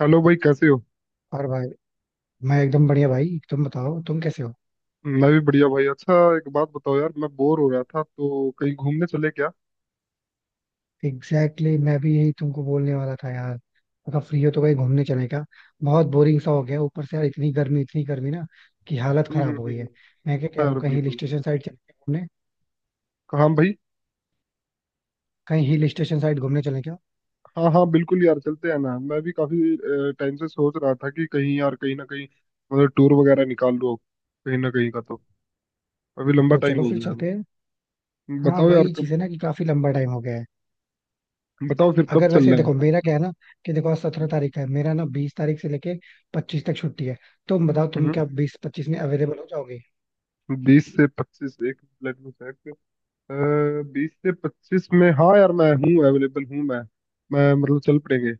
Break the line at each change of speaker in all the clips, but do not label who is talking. Hello भाई, कैसे हो।
और भाई। मैं एकदम बढ़िया भाई, तुम बताओ तुम कैसे हो।
मैं भी बढ़िया भाई। अच्छा, एक बात बताओ यार, मैं बोर हो रहा था तो कहीं घूमने चले क्या।
एग्जैक्टली, मैं भी यही तुमको बोलने वाला था यार। अगर फ्री हो तो कहीं घूमने चले क्या। बहुत बोरिंग सा हो गया, ऊपर से यार इतनी गर्मी, इतनी गर्मी ना कि हालत
हम्म हम्म
खराब हो गई
हम्म।
है। मैं क्या कह
हाँ
रहा हूँ,
यार,
कहीं हिल
बिल्कुल।
स्टेशन साइड चले क्या घूमने।
हाँ भाई।
कहीं हिल स्टेशन साइड घूमने चले क्या।
हाँ, हाँ, बिल्कुल यार, चलते हैं ना। मैं भी काफी टाइम से सोच रहा था कि कहीं यार, कहीं ना कहीं मतलब टूर वगैरह निकाल लो कहीं ना कहीं का तो। अभी लंबा
तो
टाइम
चलो
हो
फिर
गया है हमें।
चलते हैं। हाँ
बताओ यार
वही चीज
कब।
है ना कि काफी लंबा टाइम हो गया है।
बताओ फिर कब
अगर वैसे
चलना है।
देखो, मेरा क्या है ना कि देखो, आज 17 तारीख है, मेरा ना 20 तारीख से लेके 25 तक छुट्टी है। तुम बताओ तुम क्या
हम्म।
20-25 में अवेलेबल हो जाओगे।
20 से 25 एक मिनट में check। 20 से 25 में हाँ यार, मैं हूँ, अवेलेबल हूँ मैं मतलब चल पड़ेंगे।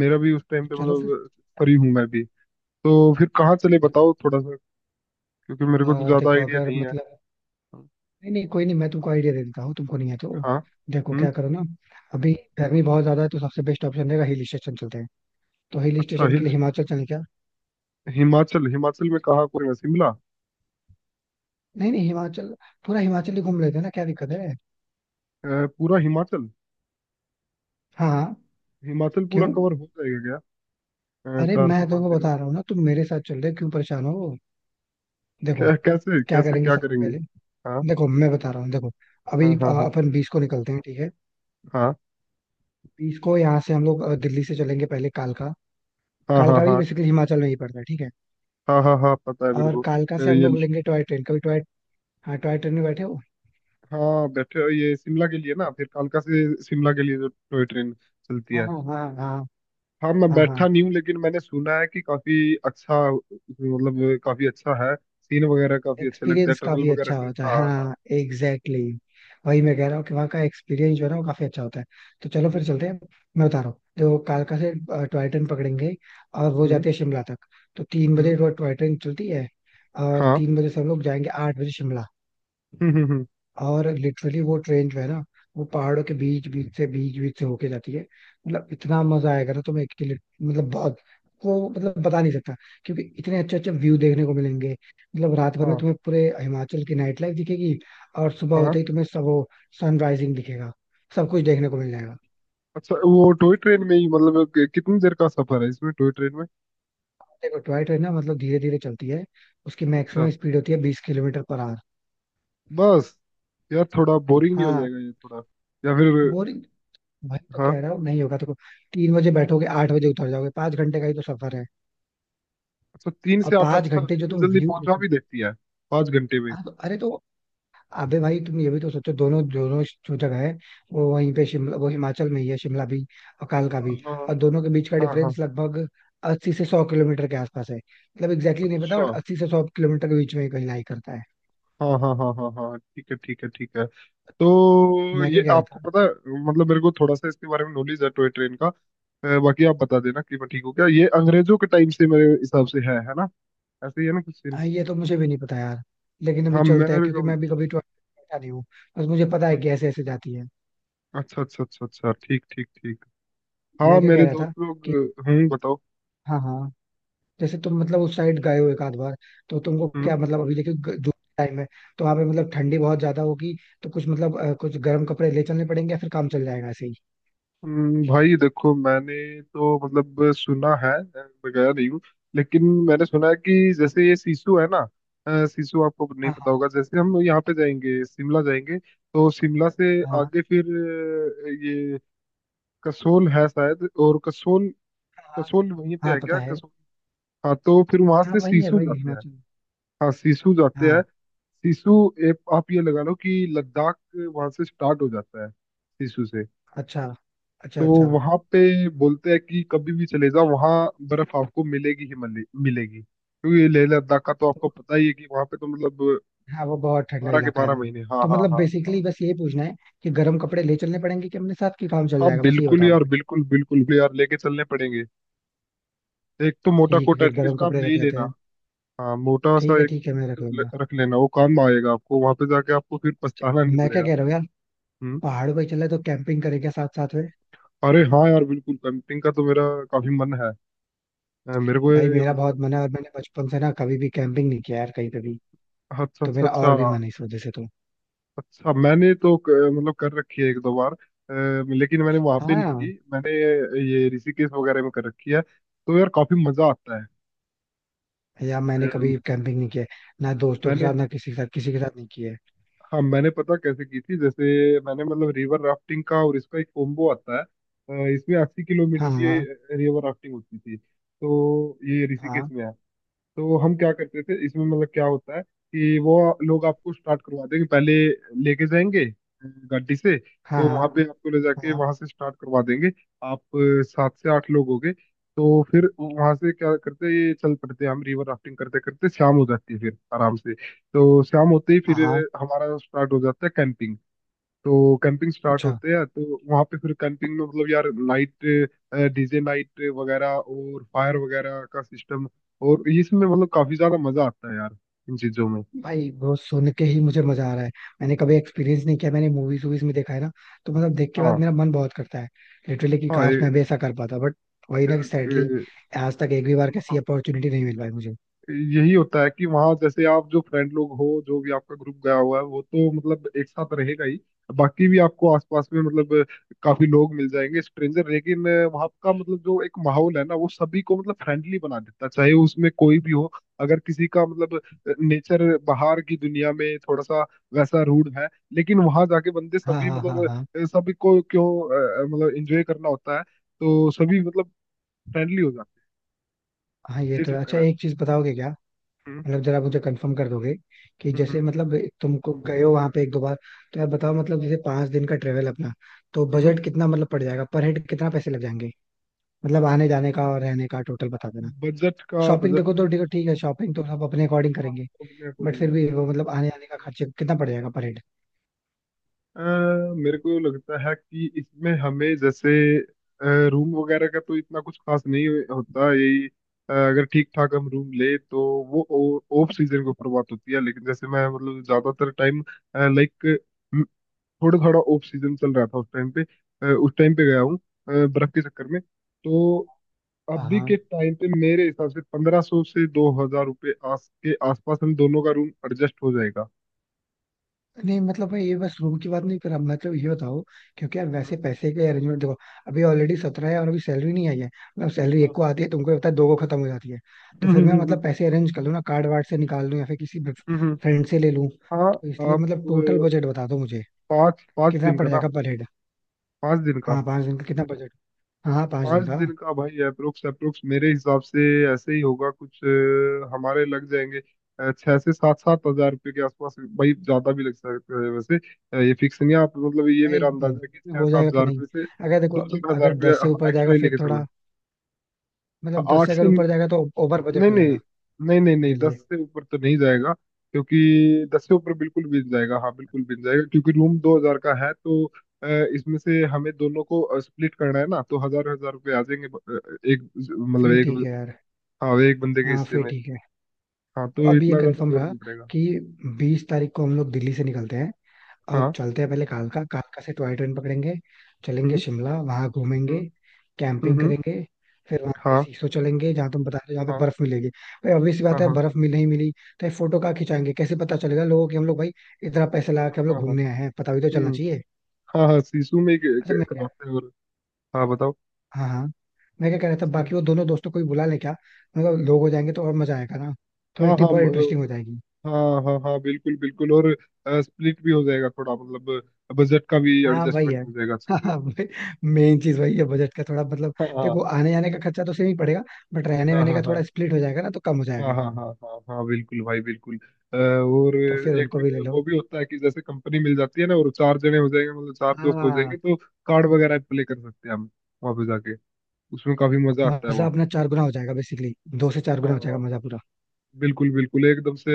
मेरा भी उस टाइम
तो
पे
चलो फिर।
मतलब फ्री हूँ मैं भी। तो फिर कहाँ चले
तो
बताओ थोड़ा सा, क्योंकि मेरे को तो ज्यादा
देखो
आइडिया
अगर
नहीं है।
मतलब, नहीं नहीं कोई नहीं, मैं तुमको आइडिया दे देता हूँ तुमको नहीं है तो।
हाँ।
देखो
हम्म
क्या करो ना। अभी
हम्म,
गर्मी बहुत ज्यादा है, तो सबसे बेस्ट ऑप्शन रहेगा हिल स्टेशन चलते हैं। तो हिल
अच्छा
स्टेशन के
हिल
लिए हिमाचल चलें क्या।
हिमाचल। हिमाचल में कहाँ को, शिमला।
नहीं नहीं, हिमाचल पूरा हिमाचल ही घूम लेते हैं ना, क्या दिक्कत है।
पूरा हिमाचल।
हाँ हाँ।
हिमाचल पूरा
क्यों।
कवर हो जाएगा क्या
अरे
चार
मैं
से पाँच
तुमको
दिन में।
बता रहा हूँ ना, तुम मेरे साथ चल रहे हो, क्यों परेशान हो। देखो
कैसे
क्या
कैसे
करेंगे
क्या
सबसे
करेंगे।
पहले।
हाँ
देखो मैं बता रहा हूँ, देखो अभी
हाँ, हाँ, हाँ,
अपन 20 को निकलते हैं, ठीक है। 20 को यहाँ से हम लोग दिल्ली से चलेंगे, पहले कालका।
हाँ, हाँ, हाँ,
कालका भी
हाँ,
बेसिकली हिमाचल में ही पड़ता है, ठीक है।
हाँ, हाँ, हाँ पता है मेरे
और
को
कालका से हम
ये।
लोग लेंगे टॉय ट्रेन। कभी टॉय, हाँ टॉय ट्रेन में बैठे हो।
हाँ बैठे, ये शिमला के लिए ना, फिर कालका से शिमला के लिए जो टॉय ट्रेन चलती
हाँ
है।
हाँ। हाँ हाँ।
हाँ मैं
हाँ
बैठा नहीं
हाँ।
हूँ, लेकिन मैंने सुना है कि काफी अच्छा, मतलब काफी अच्छा है। सीन वगैरह काफी अच्छे लगते हैं,
एक्सपीरियंस
टनल
काफी
वगैरह
अच्छा
से।
होता है,
हाँ हाँ।
हाँ। Exactly exactly. वही मैं कह रहा हूँ कि वहाँ का एक्सपीरियंस जो है ना, वो काफी अच्छा होता है। तो चलो फिर चलते हैं। मैं बता रहा हूँ, तो कालका से टॉय ट्रेन पकड़ेंगे, और वो
हम्म
जाती है शिमला तक। तो तीन
हम्म
बजे वो टॉय ट्रेन चलती है, और
हाँ
3 बजे से हम लोग जाएंगे, 8 बजे शिमला।
हम्म हम्म हम्म,
और लिटरली वो ट्रेन जो है ना, वो पहाड़ों के बीच बीच से होके जाती है। मतलब इतना मजा आएगा ना तुम्हें कि मतलब बहुत, वो मतलब बता नहीं सकता, क्योंकि इतने अच्छे अच्छे व्यू देखने को मिलेंगे। मतलब रात भर में
हाँ
तुम्हें पूरे हिमाचल की नाइट लाइफ दिखेगी, और सुबह
हाँ।
होते ही तुम्हें सब वो सनराइजिंग दिखेगा, सब कुछ देखने को मिल जाएगा।
अच्छा, वो टॉय ट्रेन में ही मतलब कितनी देर का सफर है इसमें, टॉय ट्रेन में।
देखो टॉय ट्रेन ना मतलब धीरे धीरे चलती है, उसकी
अच्छा।
मैक्सिमम स्पीड होती है 20 किलोमीटर पर आवर।
बस। यार थोड़ा बोरिंग नहीं हो
हाँ।
जाएगा ये थोड़ा, या फिर।
बोरिंग। भाई तो
हाँ।
कह रहा हूँ नहीं होगा। तो 3 बजे बैठोगे, 8 बजे उतर जाओगे, 5 घंटे का ही तो सफर है।
अच्छा, तीन
और
से आठ
पांच
अच्छा,
घंटे जो
इतनी
तुम
जल्दी
व्यू
पहुंचा
देखो।
भी देती है। 5 घंटे में।
हाँ तो अरे तो, अबे भाई तुम ये भी तो सोचो, दोनों दोनों जो जगह है वो वहीं पे, शिमला वो हिमाचल में ही है, शिमला भी और कालका
हाँ,
भी। और
हाँ,
दोनों के बीच का
हाँ।
डिफरेंस लगभग 80 से 100 किलोमीटर के आसपास है। मतलब एग्जैक्टली नहीं पता
अच्छा,
बट 80 से 100 किलोमीटर के बीच में ही कहीं लाई करता है।
हाँ, हाँ, हाँ, हाँ, हाँ, ठीक है, ठीक है, ठीक है। तो
मैं क्या
ये
कह रहा
आपको
था।
पता है, मतलब मेरे को थोड़ा सा इसके बारे में नॉलेज है टॉय ट्रेन का। बाकी आप बता देना कि मैं ठीक हूँ क्या। ये अंग्रेजों के टाइम से मेरे हिसाब से है ना, ऐसे ही है ना, कुछ सीन।
हाँ ये तो मुझे भी नहीं पता यार, लेकिन अभी
हाँ
चलता है क्योंकि मैं भी कभी ट्रेवल नहीं हूँ। बस मुझे पता है
हम्म,
कि ऐसे ऐसे जाती है।
अच्छा अच्छा अच्छा अच्छा, ठीक ठीक ठीक। हाँ,
मैं क्या कह
मेरे
रहा था
दोस्त लोग।
कि,
हम्म, बताओ।
हाँ हाँ, जैसे तुम मतलब उस साइड गए हो एक आध बार। तो तुमको
हम्म।
क्या मतलब, अभी देखो जून टाइम है, तो वहां पे मतलब ठंडी बहुत ज्यादा होगी। तो कुछ मतलब कुछ गर्म कपड़े ले चलने पड़ेंगे या फिर काम चल जाएगा ऐसे ही।
भाई देखो मैंने तो मतलब सुना है। मैं गया नहीं हूँ, लेकिन मैंने सुना है कि जैसे ये सिसु है ना। सिसु आपको नहीं
हाँ
पता
हाँ
होगा। जैसे हम यहाँ पे जाएंगे, शिमला जाएंगे, तो शिमला से
हाँ
आगे फिर ये कसोल है शायद और कसोल,
हाँ।
कसोल वहीं पे
हाँ
है
पता
क्या,
है।
कसोल। हाँ तो फिर वहां
हाँ
से
वही है
सिसु
भाई
जाते हैं।
हिमाचल।
हाँ, सिसु जाते हैं।
हाँ।
सिसु। एक आप ये लगा लो कि लद्दाख वहां से स्टार्ट हो जाता है, सिसु से।
अच्छा अच्छा
तो
अच्छा।
वहां पे बोलते हैं कि कभी भी चले जाओ वहां, बर्फ आपको मिलेगी ही मिलेगी, क्योंकि लेह लद्दाख का तो आपको पता ही है कि वहां पे तो मतलब
हाँ वो बहुत ठंडा
बारह के
इलाका है
बारह
वो।
महीने हाँ,
तो
हाँ,
मतलब
हाँ,
बेसिकली
हाँ।
बस ये पूछना है कि गर्म कपड़े ले चलने पड़ेंगे कि अपने साथ की काम चल
हाँ
जाएगा, बस ये
बिल्कुल
बताओ
यार,
हमें।
बिल्कुल, बिल्कुल भी यार लेके चलने पड़ेंगे। एक तो मोटा
ठीक है
कोट
फिर, गर्म
एटलीस्ट आप
कपड़े
ले
रख
ही
लेते
लेना।
हैं।
हाँ, मोटा सा
ठीक है
एक
ठीक है, मैं रख लूंगा।
रख लेना, वो काम आएगा आपको। वहां पे जाके आपको फिर
अच्छा।
पछताना नहीं
मैं क्या
पड़ेगा।
कह रहा हूँ यार,
हम्म।
पहाड़ों पे चला तो कैंपिंग करेंगे साथ साथ में।
अरे हाँ यार, बिल्कुल। कैंपिंग का तो मेरा काफी मन है। मेरे को
भाई
ये
मेरा
मतलब।
बहुत मन है, और मैंने बचपन से ना कभी भी कैंपिंग नहीं किया यार, कहीं पे भी।
अच्छा
तो
अच्छा
मेरा और
अच्छा।
भी मन है इस वजह से तो।
अच्छा, मैंने तो मतलब कर रखी है एक दो बार। लेकिन मैंने वहां पे नहीं
हाँ।
की। मैंने ये ऋषिकेश वगैरह में कर रखी है, तो यार काफी मजा आता है।
यार मैंने कभी
अम,
कैंपिंग नहीं किया है, ना दोस्तों के
मैंने।
साथ ना किसी के साथ, किसी के साथ नहीं किया है।
हाँ मैंने, पता कैसे की थी। जैसे मैंने मतलब रिवर राफ्टिंग का और इसका एक कॉम्बो आता है। इसमें 80 किलोमीटर
हाँ हाँ
की रिवर राफ्टिंग होती थी। तो ये ऋषिकेश
हाँ
में है। तो हम क्या करते थे इसमें, मतलब क्या होता है कि वो लोग आपको स्टार्ट करवा देंगे पहले, लेके जाएंगे गाड़ी से।
हाँ।
तो वहां पे आपको ले
हाँ
जाके
हाँ
वहां से स्टार्ट करवा देंगे। आप सात से आठ लोग हो गए, तो फिर वहां से क्या करते हैं, ये चल पड़ते हैं। हम रिवर राफ्टिंग करते करते शाम हो जाती है। फिर आराम से, तो शाम होते ही
हाँ
फिर
हाँ।
हमारा स्टार्ट हो जाता है कैंपिंग। तो कैंपिंग स्टार्ट
अच्छा।
होते हैं तो वहां पे फिर कैंपिंग में, मतलब यार नाइट, डीजे नाइट वगैरह और फायर वगैरह का सिस्टम। और इसमें मतलब काफी ज्यादा मजा आता है यार इन चीजों में।
भाई वो सुन के ही मुझे मजा आ रहा है। मैंने कभी एक्सपीरियंस नहीं किया, मैंने मूवीज वूवीज में देखा है ना, तो मतलब देख के बाद
हाँ
मेरा मन बहुत करता है। लिटरली कि
हाँ
काश मैं भी ऐसा कर पाता, बट वही ना
ये-
कि सैडली
ये-
आज तक एक भी बार कैसी
हाँ।
अपॉर्चुनिटी नहीं मिल पाई मुझे।
यही होता है कि वहां, जैसे आप जो फ्रेंड लोग हो, जो भी आपका ग्रुप गया हुआ है वो तो मतलब एक साथ रहेगा ही, बाकी भी आपको आसपास में मतलब काफी लोग मिल जाएंगे, स्ट्रेंजर, लेकिन वहां का मतलब जो एक माहौल है ना वो सभी को मतलब फ्रेंडली बना देता है, चाहे उसमें कोई भी हो। अगर किसी का मतलब नेचर बाहर की दुनिया में थोड़ा सा वैसा रूड है, लेकिन वहां जाके बंदे
हाँ
सभी,
हाँ हाँ
मतलब
हाँ
सभी को क्यों मतलब एंजॉय करना होता है, तो सभी मतलब फ्रेंडली हो जाते
हाँ। ये
हैं, ये
तो है।
चक्कर
अच्छा
है।
एक चीज बताओगे क्या,
हम्म
मतलब जरा मुझे कंफर्म कर दोगे कि
हम्म
जैसे
हम्म
मतलब, तुमको गए हो वहां पे एक दो बार, तो यार बताओ मतलब जैसे 5 दिन का ट्रेवल अपना, तो
हम्म।
बजट कितना मतलब पड़ जाएगा पर हेड, कितना पैसे लग जाएंगे। मतलब आने जाने का और रहने का टोटल बता देना।
बजट का,
शॉपिंग
बजट
देखो,
में
तो देखो ठीक है, शॉपिंग तो सब अपने अकॉर्डिंग करेंगे,
कितना अपने
बट
अकॉर्डिंग
फिर
है।
भी वो मतलब आने जाने का खर्चे कितना पड़ जाएगा पर हेड।
अ, मेरे को लगता है कि इसमें हमें जैसे रूम वगैरह का तो इतना कुछ खास नहीं होता यही। अगर ठीक ठाक हम रूम ले, तो वो ऑफ सीजन के ऊपर बात होती है। लेकिन जैसे मैं मतलब ज्यादातर टाइम लाइक थोड़ा थोड़ा ऑफ सीजन चल रहा था उस टाइम पे, उस टाइम पे गया हूँ बर्फ के चक्कर में। तो अभी के
हाँ,
टाइम पे मेरे हिसाब से 1,500 से 2,000 रुपये आस के आसपास हम दोनों का रूम एडजस्ट हो जाएगा।
नहीं मतलब भाई ये बस रूम की बात नहीं कर रहा, मतलब ये बताओ, क्योंकि यार
हम्म,
वैसे पैसे के अरेंजमेंट देखो, अभी ऑलरेडी 17 है और अभी सैलरी नहीं आई है। मतलब सैलरी एक
हाँ,
को आती है, तुमको पता है दो को खत्म हो जाती है। तो
हम्म,
फिर मैं
हम्म,
मतलब
हम्म,
पैसे अरेंज कर लूँ ना कार्ड वार्ड से निकाल लूँ या फिर किसी
हम्म, हम्म,
फ्रेंड से ले लूँ।
हाँ।
तो इसलिए
आप
मतलब टोटल बजट बता दो मुझे,
पाँच पाँच
कितना
दिन का
पड़
ना।
जाएगा पर हेड।
पाँच दिन का।
हाँ पाँच दिन का कितना बजट। हाँ हाँ पाँच
पाँच
दिन का
दिन का भाई, अप्रोक्स अप्रोक्स मेरे हिसाब से ऐसे ही होगा कुछ। हमारे लग जाएंगे छह से सात, सात हजार रुपये के आसपास भाई। ज्यादा भी लग सकते हैं वैसे। ये फिक्स नहीं है। आप मतलब ये
भाई
मेरा अंदाजा है कि छह
हो
सात
जाएगा कि
हजार
नहीं।
रुपये से
अगर
दो
देखो,
चार हजार
अगर
रुपये
10 से ऊपर जाएगा
एक्स्ट्रा ही
फिर
लेके चलना।
थोड़ा,
हाँ,
मतलब दस
आठ
से
से,
अगर ऊपर जाएगा तो ओवर बजट
नहीं,
हो
नहीं,
जाएगा
नहीं, नहीं, नहीं,
मेरे
दस
लिए।
से ऊपर तो नहीं जाएगा, क्योंकि दस से ऊपर बिल्कुल बिन जाएगा। हाँ, बिल्कुल बिन जाएगा, क्योंकि रूम 2,000 का है तो अ, इसमें से हमें दोनों को स्प्लिट करना है ना, तो हजार हजार रुपये आ जाएंगे एक मतलब
फिर
एक।
ठीक है यार।
हाँ, एक बंदे के
हाँ
हिस्से
फिर
में।
ठीक है।
हाँ, तो
अब ये
इतना ज्यादा
कंफर्म
लोड
रहा
नहीं पड़ेगा।
कि 20 तारीख को हम लोग दिल्ली से निकलते हैं, अब
हाँ,
चलते हैं पहले कालका, कालका से टॉय ट्रेन पकड़ेंगे, चलेंगे
हम्म
शिमला, वहां घूमेंगे,
हम्म हम्म
कैंपिंग
हम्म,
करेंगे, फिर वहां से
हाँ,
सीसो चलेंगे जहाँ तुम बता रहे हो, जहाँ पे
हाँ,
बर्फ मिलेगी। भाई ऑब्वियस सी
हाँ,
बात है,
हाँ,
बर्फ मिल नहीं मिली तो ये फोटो कहाँ खिंचाएंगे, कैसे पता चलेगा लोगों कि हम लोग भाई इतना पैसे लगा
हाँ,
के हम लोग
हाँ, हाँ,
घूमने आए हैं, पता भी तो चलना
हम्म,
चाहिए।
हाँ, हाँ, शीशु में ही
अच्छा मैं क्या,
करवाते हैं और। हाँ, बताओ।
हाँ हाँ, मैं क्या कह रहा था, बाकी वो दोनों दोस्तों को भी बुला लें क्या। मतलब लोग हो जाएंगे तो और मजा आएगा ना, थोड़ी
हाँ, हाँ,
ट्रिप और इंटरेस्टिंग हो जाएगी।
हाँ, हाँ, हाँ, बिल्कुल, बिल्कुल और स्प्लिट भी हो जाएगा थोड़ा मतलब, बजट का भी
हाँ वही
एडजस्टमेंट
है।
हो जाएगा अच्छे से।
हाँ मेन चीज वही है, बजट का थोड़ा मतलब,
हाँ,
देखो आने जाने का खर्चा तो सेम ही पड़ेगा, बट रहने
हाँ,
वहने
हाँ,
का
हाँ,
थोड़ा स्प्लिट हो जाएगा ना तो कम हो
हाँ,
जाएगा।
हाँ, हाँ, हाँ, हाँ बिल्कुल भाई, बिल्कुल। और
तो फिर
एक
उनको भी ले लो।
वो भी होता है कि जैसे कंपनी मिल जाती है ना और चार जने हो जाएंगे, मतलब चार दोस्त हो
हाँ।
जाएंगे, तो कार्ड वगैरह प्ले कर सकते हैं हम वहाँ पे जाके। उसमें काफी मजा आता है
मजा
वहाँ पे।
अपना चार गुना हो जाएगा बेसिकली, दो से चार गुना हो जाएगा
हाँ
मजा पूरा।
बिल्कुल, बिल्कुल एकदम से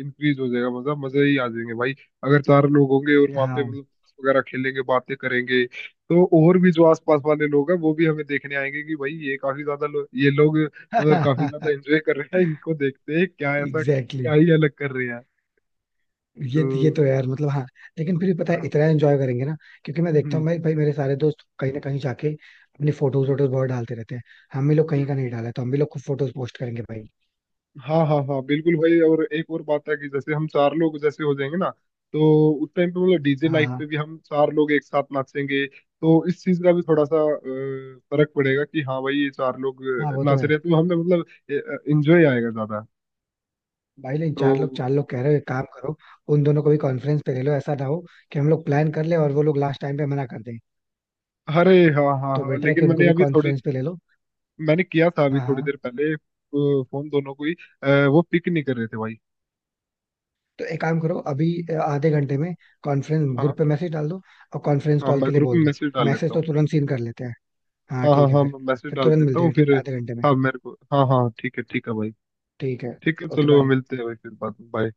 इंक्रीज हो जाएगा मजा, मजे ही आ जाएंगे भाई अगर चार लोग होंगे। और वहां पे
हाँ
मतलब ताश वगैरह खेलेंगे, बातें करेंगे, तो और भी जो आसपास वाले लोग हैं वो भी हमें देखने आएंगे कि भाई ये काफी ज्यादा ये लोग मतलब काफी ज्यादा एंजॉय कर रहे हैं, इनको देखते हैं क्या, ऐसा
एग्जैक्टली
क्या
exactly.
ही अलग कर रहे हैं।
ये
तो।
तो यार मतलब हाँ, लेकिन फिर भी पता है
हाँ,
इतना एंजॉय करेंगे ना, क्योंकि मैं देखता
हम्म
हूँ भाई भाई मेरे सारे दोस्त कहीं ना कहीं जाके अपनी फोटोज
हम्म,
वोटोज बहुत डालते रहते हैं, हम भी लोग
हम्म,
कहीं का
हम्म।
नहीं डाला है, तो हम भी लोग खूब फोटोज पोस्ट करेंगे भाई।
हाँ, हाँ, हाँ बिल्कुल भाई, और एक और बात है कि जैसे हम चार लोग जैसे हो जाएंगे ना, तो उस टाइम पे मतलब डीजे
हाँ
नाइट पे
हाँ
भी हम चार लोग एक साथ नाचेंगे, तो इस चीज का भी थोड़ा सा फर्क पड़ेगा कि हाँ भाई, ये चार लोग
हाँ। वो तो
नाच
है।
रहे हैं, तो हमें मतलब इंजॉय आएगा ज्यादा।
भाई नहीं, चार लोग
तो।
चार लोग कह रहे हो, एक काम करो, उन दोनों को भी कॉन्फ्रेंस पे ले लो, ऐसा ना हो कि हम लोग प्लान कर ले और वो लोग लास्ट टाइम पे मना कर दें,
अरे, हाँ, हाँ,
तो
हाँ,
बेटर है
लेकिन
कि उनको
मैंने
भी
अभी थोड़ी,
कॉन्फ्रेंस पे ले लो।
मैंने किया था अभी
हाँ
थोड़ी देर
हाँ।
पहले फोन दोनों को ही। वो पिक नहीं कर रहे थे भाई।
तो एक काम करो अभी, आधे घंटे में कॉन्फ्रेंस
हाँ।
ग्रुप पे मैसेज डाल दो और कॉन्फ्रेंस
हाँ,
कॉल
मैं
के लिए
ग्रुप
बोल
में
दो।
मैसेज डाल
मैसेज
देता
तो
हूँ।
तुरंत सीन कर लेते हैं। हाँ
हाँ, हाँ,
ठीक है
हाँ
फिर
मैं मैसेज
फिर
डाल
तुरंत
देता
मिलते
हूँ
हैं, ठीक
फिर।
है आधे घंटे में।
हाँ, मेरे को, हाँ, हाँ, ठीक है, ठीक है भाई।
ठीक है।
ठीक है,
ओके
चलो
बाय।
मिलते हैं भाई फिर बाद में, बाय।